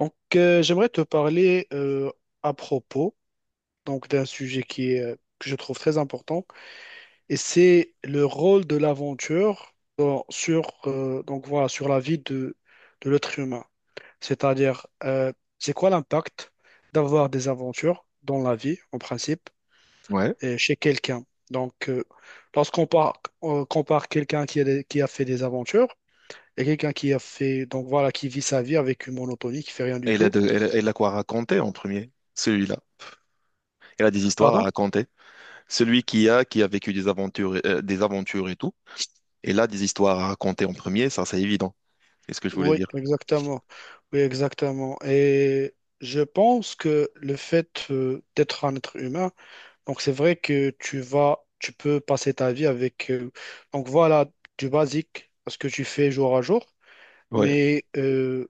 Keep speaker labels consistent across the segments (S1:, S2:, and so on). S1: Donc, j'aimerais te parler à propos donc d'un sujet qui est, que je trouve très important, et c'est le rôle de l'aventure sur donc voilà sur la vie de l'être humain. C'est-à-dire, c'est quoi l'impact d'avoir des aventures dans la vie en principe
S2: Ouais.
S1: et chez quelqu'un. Donc, lorsqu'on par- on compare quelqu'un qui a, qui a fait des aventures, et quelqu'un qui a fait donc voilà qui vit sa vie avec une monotonie, qui fait rien du
S2: Et il a,
S1: tout.
S2: elle a- elle a quoi raconter en premier, celui-là. Elle a des histoires à
S1: Pardon?
S2: raconter. Celui qui a vécu des aventures et tout, et là, des histoires à raconter en premier, ça, c'est évident. C'est ce que je voulais
S1: Oui,
S2: dire.
S1: exactement. Oui, exactement. Et je pense que le fait d'être un être humain, donc c'est vrai que tu vas, tu peux passer ta vie avec, donc voilà, du basique, ce que tu fais jour à jour.
S2: Ouais,
S1: Mais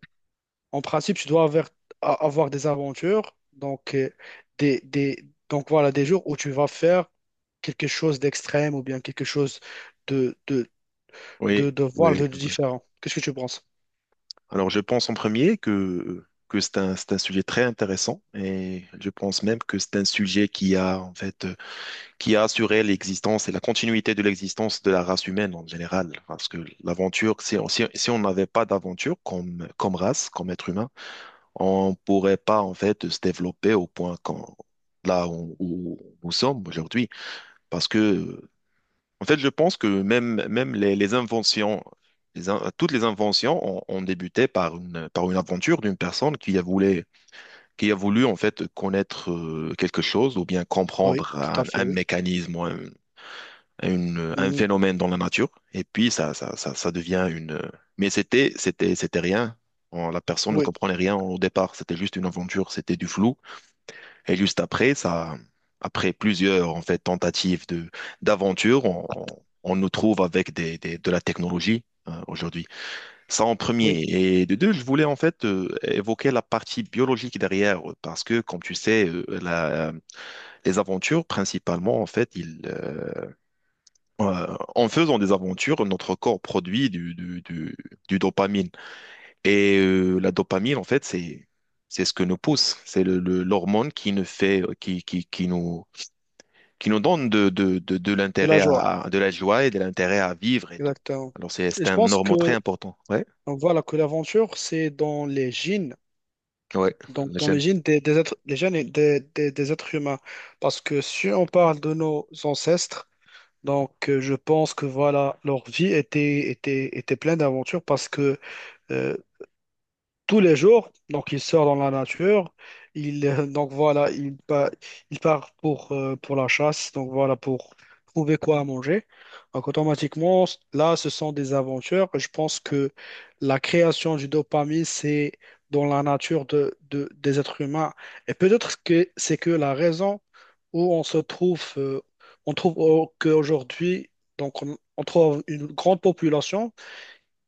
S1: en principe, tu dois avoir, avoir des aventures, donc des, des, donc voilà, des jours où tu vas faire quelque chose d'extrême ou bien quelque chose de, de,
S2: oui,
S1: voilà,
S2: oui,
S1: de
S2: ouais.
S1: différent. Qu'est-ce que tu penses?
S2: Alors, je pense en premier que c'est un sujet très intéressant, et je pense même que c'est un sujet qui a, en fait, qui a assuré l'existence et la continuité de l'existence de la race humaine en général. Parce que l'aventure, si, si, si on n'avait pas d'aventure comme, comme race, comme être humain, on ne pourrait pas en fait se développer au point qu'on, là où, où nous sommes aujourd'hui. Parce que, en fait, je pense que même, même les inventions, toutes les inventions ont, ont débuté par une aventure d'une personne qui a voulu en fait connaître quelque chose ou bien
S1: Oui,
S2: comprendre
S1: tout à fait,
S2: un mécanisme ou un, un
S1: oui.
S2: phénomène dans la nature. Et puis, ça devient une... Mais c'était, c'était, c'était rien. La personne ne
S1: Oui,
S2: comprenait rien au départ, c'était juste une aventure, c'était du flou. Et juste après, ça, après plusieurs en fait tentatives de d'aventure, on, on nous trouve avec des, de la technologie aujourd'hui. Ça en
S1: oui,
S2: premier. Et de deux, je voulais en fait évoquer la partie biologique derrière, parce que comme tu sais, les aventures principalement en fait, ils, en faisant des aventures, notre corps produit du, du dopamine. Et la dopamine en fait, c'est ce que nous pousse, c'est le, l'hormone qui nous fait, qui nous donne de
S1: de la
S2: l'intérêt
S1: joie,
S2: à, de la joie et de l'intérêt à vivre et tout.
S1: exactement.
S2: Alors,
S1: Et
S2: c'est
S1: je
S2: un
S1: pense que,
S2: normand très important. Ouais,
S1: donc voilà, que l'aventure, c'est dans les gènes,
S2: ouais,
S1: donc dans
S2: j'aime.
S1: les gènes des êtres, les gènes et des êtres humains. Parce que si on parle de nos ancêtres, donc je pense que voilà, leur vie était pleine d'aventures, parce que euh, tous les jours. Donc, il sort dans la nature. Il, donc, voilà, il part pour la chasse. Donc, voilà, pour trouver quoi à manger. Donc, automatiquement, là, ce sont des aventures. Je pense que la création du dopamine, c'est dans la nature des êtres humains. Et peut-être que c'est que la raison où on se trouve, qu'aujourd'hui, donc, on trouve une grande population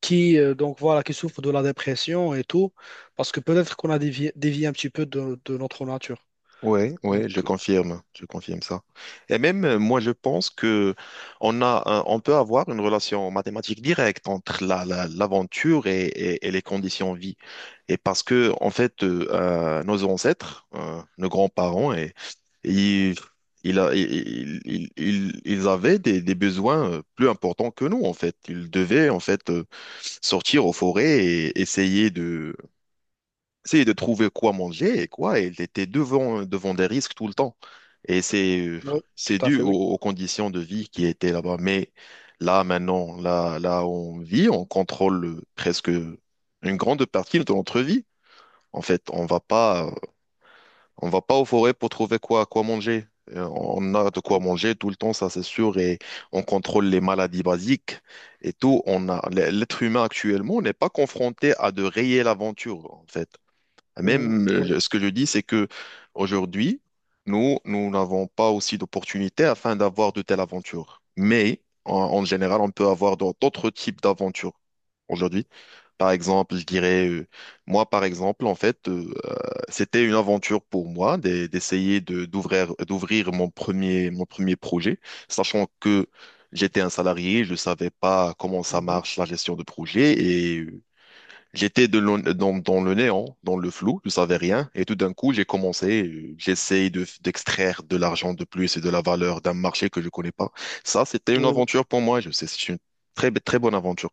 S1: qui donc voilà qui souffrent de la dépression et tout, parce que peut-être qu'on a dévié, dévié un petit peu de notre nature.
S2: Ouais,
S1: Donc
S2: ouais, je confirme ça. Et même moi, je pense que on a, on peut avoir une relation mathématique directe entre la, l'aventure et, et les conditions de vie. Et parce que en fait, nos ancêtres, nos grands-parents, et, ils, ils avaient des besoins plus importants que nous, en fait. Ils devaient, en fait, sortir aux forêts et essayer essayer de trouver quoi manger et quoi, et il était devant, devant des risques tout le temps. Et
S1: oui, tout
S2: c'est
S1: à
S2: dû
S1: fait,
S2: aux,
S1: oui.
S2: aux conditions de vie qui étaient là-bas. Mais là, maintenant, là, là où on vit, on contrôle presque une grande partie de notre vie. En fait, on va pas aux forêts pour trouver quoi, quoi manger. On a de quoi manger tout le temps, ça c'est sûr, et on contrôle les maladies basiques et tout. On a, l'être humain actuellement n'est pas confronté à de réelles aventures, en fait.
S1: Mhm,
S2: Même,
S1: oui,
S2: ce que je dis, c'est que aujourd'hui, nous, nous n'avons pas aussi d'opportunités afin d'avoir de telles aventures. Mais en, en général, on peut avoir dans d'autres types d'aventures aujourd'hui. Par exemple, je dirais, moi, par exemple, en fait, c'était une aventure pour moi d'essayer de d'ouvrir d'ouvrir mon premier projet, sachant que j'étais un salarié, je savais pas comment ça
S1: mhm,
S2: marche la gestion de projet et. J'étais de dans, dans le néant, dans le flou, je savais rien. Et tout d'un coup, j'ai commencé, j'essaye de, d'extraire de l'argent de plus et de la valeur d'un marché que je connais pas. Ça, c'était une
S1: oui, oui,
S2: aventure pour moi. Je sais, c'est une très, très bonne aventure.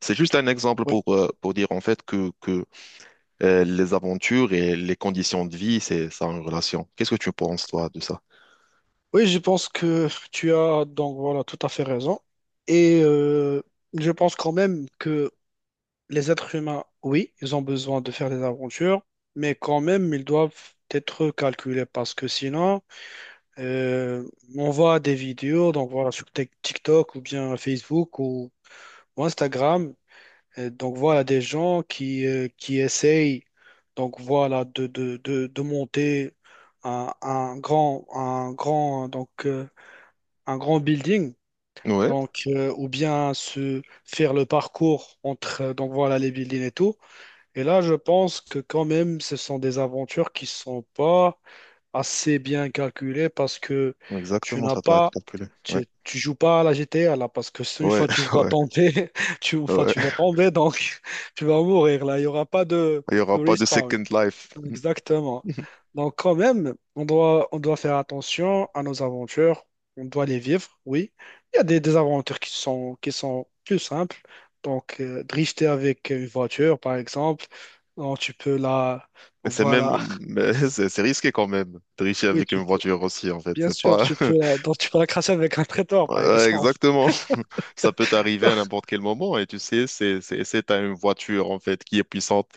S2: C'est juste un exemple
S1: oui.
S2: pour dire en fait que les aventures et les conditions de vie, c'est ça en relation. Qu'est-ce que tu penses, toi, de ça?
S1: Oui, je pense que tu as donc voilà tout à fait raison. Et je pense quand même que les êtres humains, oui, ils ont besoin de faire des aventures, mais quand même ils doivent être calculés, parce que sinon euh, on voit des vidéos donc voilà sur TikTok ou bien Facebook ou Instagram. Et donc voilà, des gens qui essayent donc voilà, de monter un grand, donc, un grand building.
S2: Ouais.
S1: Donc, ou bien se faire le parcours entre donc voilà, les buildings et tout. Et là, je pense que quand même, ce sont des aventures qui sont pas assez bien calculé, parce que tu
S2: Exactement,
S1: n'as
S2: ça doit être
S1: pas,
S2: calculé. Ouais,
S1: tu joues pas à la GTA là, parce que une
S2: ouais,
S1: fois tu vas
S2: ouais,
S1: tomber, une fois
S2: ouais.
S1: tu vas tomber, donc tu vas mourir là. Il n'y aura pas de,
S2: Il n'y aura pas de
S1: respawn.
S2: second life.
S1: Exactement. Donc quand même, on doit faire attention à nos aventures. On doit les vivre, oui. Il y a des aventures qui sont plus simples. Donc, drifter avec une voiture, par exemple, donc tu peux la.
S2: Mais c'est même,
S1: Voilà.
S2: mais c'est risqué quand même de tricher
S1: Oui,
S2: avec une
S1: tu peux
S2: voiture aussi, en fait.
S1: bien
S2: C'est
S1: sûr,
S2: pas,
S1: tu peux la, donc tu peux la cracher avec un traiteur,
S2: ouais,
S1: par
S2: ouais,
S1: exemple.
S2: exactement. Ça peut t'arriver à n'importe quel moment et tu sais, c'est, t'as une voiture, en fait, qui est puissante.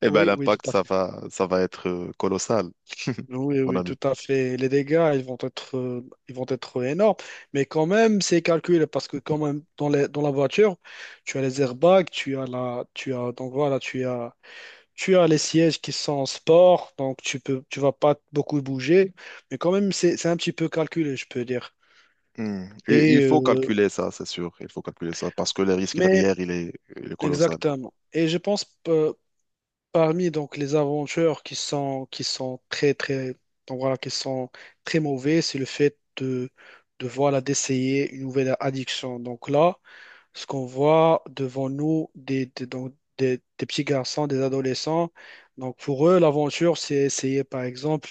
S2: Eh ben,
S1: Oui, oui, tout
S2: l'impact,
S1: à fait.
S2: ça va être colossal,
S1: Oui,
S2: mon
S1: oui, tout
S2: ami.
S1: à fait. Les dégâts, ils vont être, ils vont être énormes. Mais quand même, c'est calculé parce que quand même, dans la voiture, tu as les airbags, tu as la, tu as, donc voilà, tu as les sièges qui sont en sport, donc tu peux, tu vas pas beaucoup bouger. Mais quand même, c'est un petit peu calculé, je peux dire.
S2: Hmm. Il
S1: Et,
S2: faut calculer ça, c'est sûr. Il faut calculer ça parce que le risque
S1: mais
S2: derrière, il est colossal.
S1: exactement. Et je pense, parmi donc les aventures qui sont très très donc voilà qui sont très mauvais, c'est le fait de voilà d'essayer une nouvelle addiction. Donc là, ce qu'on voit devant nous donc, des petits garçons, des adolescents, donc pour eux l'aventure c'est essayer par exemple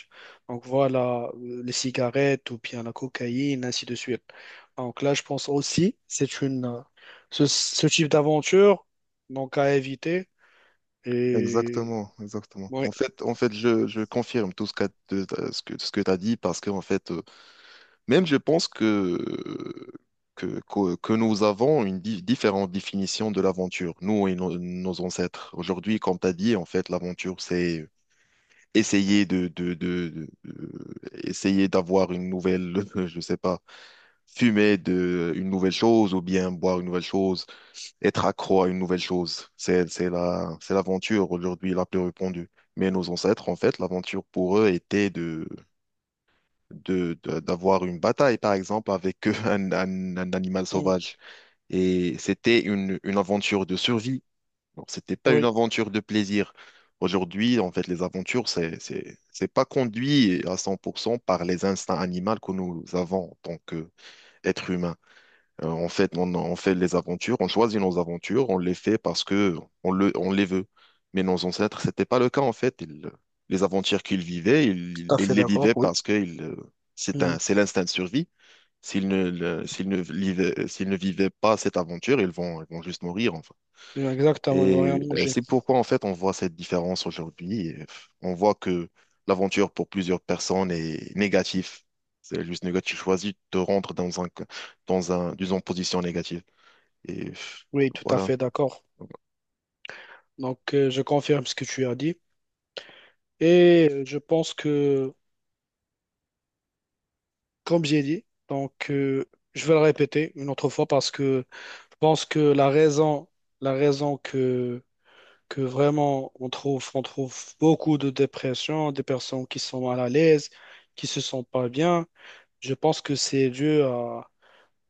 S1: donc voilà les cigarettes ou bien la cocaïne, ainsi de suite. Donc là, je pense aussi c'est une ce type d'aventure donc à éviter, et
S2: Exactement, exactement.
S1: ouais.
S2: En fait, je confirme tout ce que, ce que, ce que tu as dit parce que, en fait, même je pense que nous avons une différente définition de l'aventure, nous et nos, nos ancêtres. Aujourd'hui, comme tu as dit, en fait, l'aventure, c'est essayer de, essayer d'avoir une nouvelle, je sais pas, fumer de une nouvelle chose ou bien boire une nouvelle chose, être accro à une nouvelle chose. C'est la, c'est l'aventure aujourd'hui la plus répandue. Mais nos ancêtres, en fait, l'aventure pour eux était de, d'avoir une bataille, par exemple, avec un animal
S1: Mhm.
S2: sauvage. Et c'était une aventure de survie. Donc, c'était pas une
S1: Oui,
S2: aventure de plaisir. Aujourd'hui, en fait, les aventures, c'est pas conduit à 100% par les instincts animaux que nous avons en tant qu'êtres humains. En fait, on fait les aventures, on choisit nos aventures, on les fait parce que on le, on les veut. Mais nos ancêtres, c'était pas le cas, en fait. Ils- les aventures qu'ils vivaient, ils,
S1: tout à
S2: ils
S1: fait
S2: les
S1: d'accord,
S2: vivaient
S1: oui.
S2: parce que ils, c'est
S1: Mhm.
S2: un, c'est l'instinct de survie. S'ils ne, s'ils ne vivaient pas cette aventure, ils vont juste mourir, enfin.
S1: Exactement, ils vont rien
S2: Et
S1: manger.
S2: c'est pourquoi, en fait, on voit cette différence aujourd'hui. Et, on voit que l'aventure pour plusieurs personnes est négative. C'est juste négatif. Tu choisis de te rendre dans un, disons, position négative. Et
S1: Oui, tout à
S2: voilà.
S1: fait d'accord. Donc, je confirme ce que tu as dit. Et je pense que, comme j'ai dit, donc, je vais le répéter une autre fois, parce que je pense que la raison que vraiment on trouve beaucoup de dépression, des personnes qui sont mal à l'aise, qui se sentent pas bien, je pense que c'est dû à,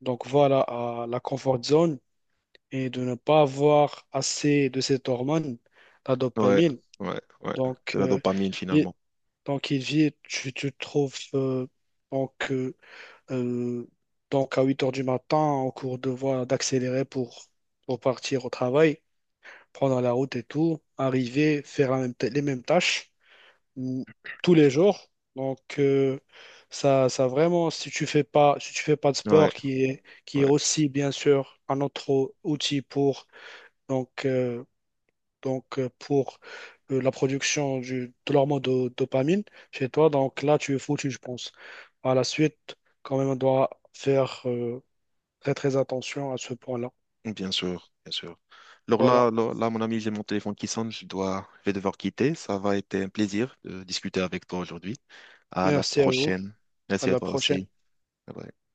S1: donc voilà, à la comfort zone, et de ne pas avoir assez de cette hormone, la
S2: Ouais,
S1: dopamine.
S2: ouais, ouais.
S1: Donc,
S2: C'est la dopamine,
S1: il,
S2: finalement.
S1: donc il vit, tu te trouves donc, euh, euh, donc à 8 heures du matin en cours de voie d'accélérer pour, partir au travail, prendre la route et tout, arriver, faire les mêmes tâches mm, tous les jours. Donc, ça vraiment, si tu fais pas, de
S2: Ouais,
S1: sport, qui est
S2: ouais.
S1: aussi bien sûr un autre outil pour donc, euh, donc pour la production de l'hormone de, dopamine chez toi. Donc là, tu es foutu, je pense. À la suite, quand même, on doit faire très très attention à ce point-là.
S2: Bien sûr, bien sûr. Alors
S1: Voilà.
S2: là, là, là, mon ami, j'ai mon téléphone qui sonne, je dois, je vais devoir quitter. Ça va être un plaisir de discuter avec toi aujourd'hui. À la
S1: Merci à vous.
S2: prochaine.
S1: À
S2: Merci à
S1: la
S2: toi
S1: prochaine.
S2: aussi. Bye bye.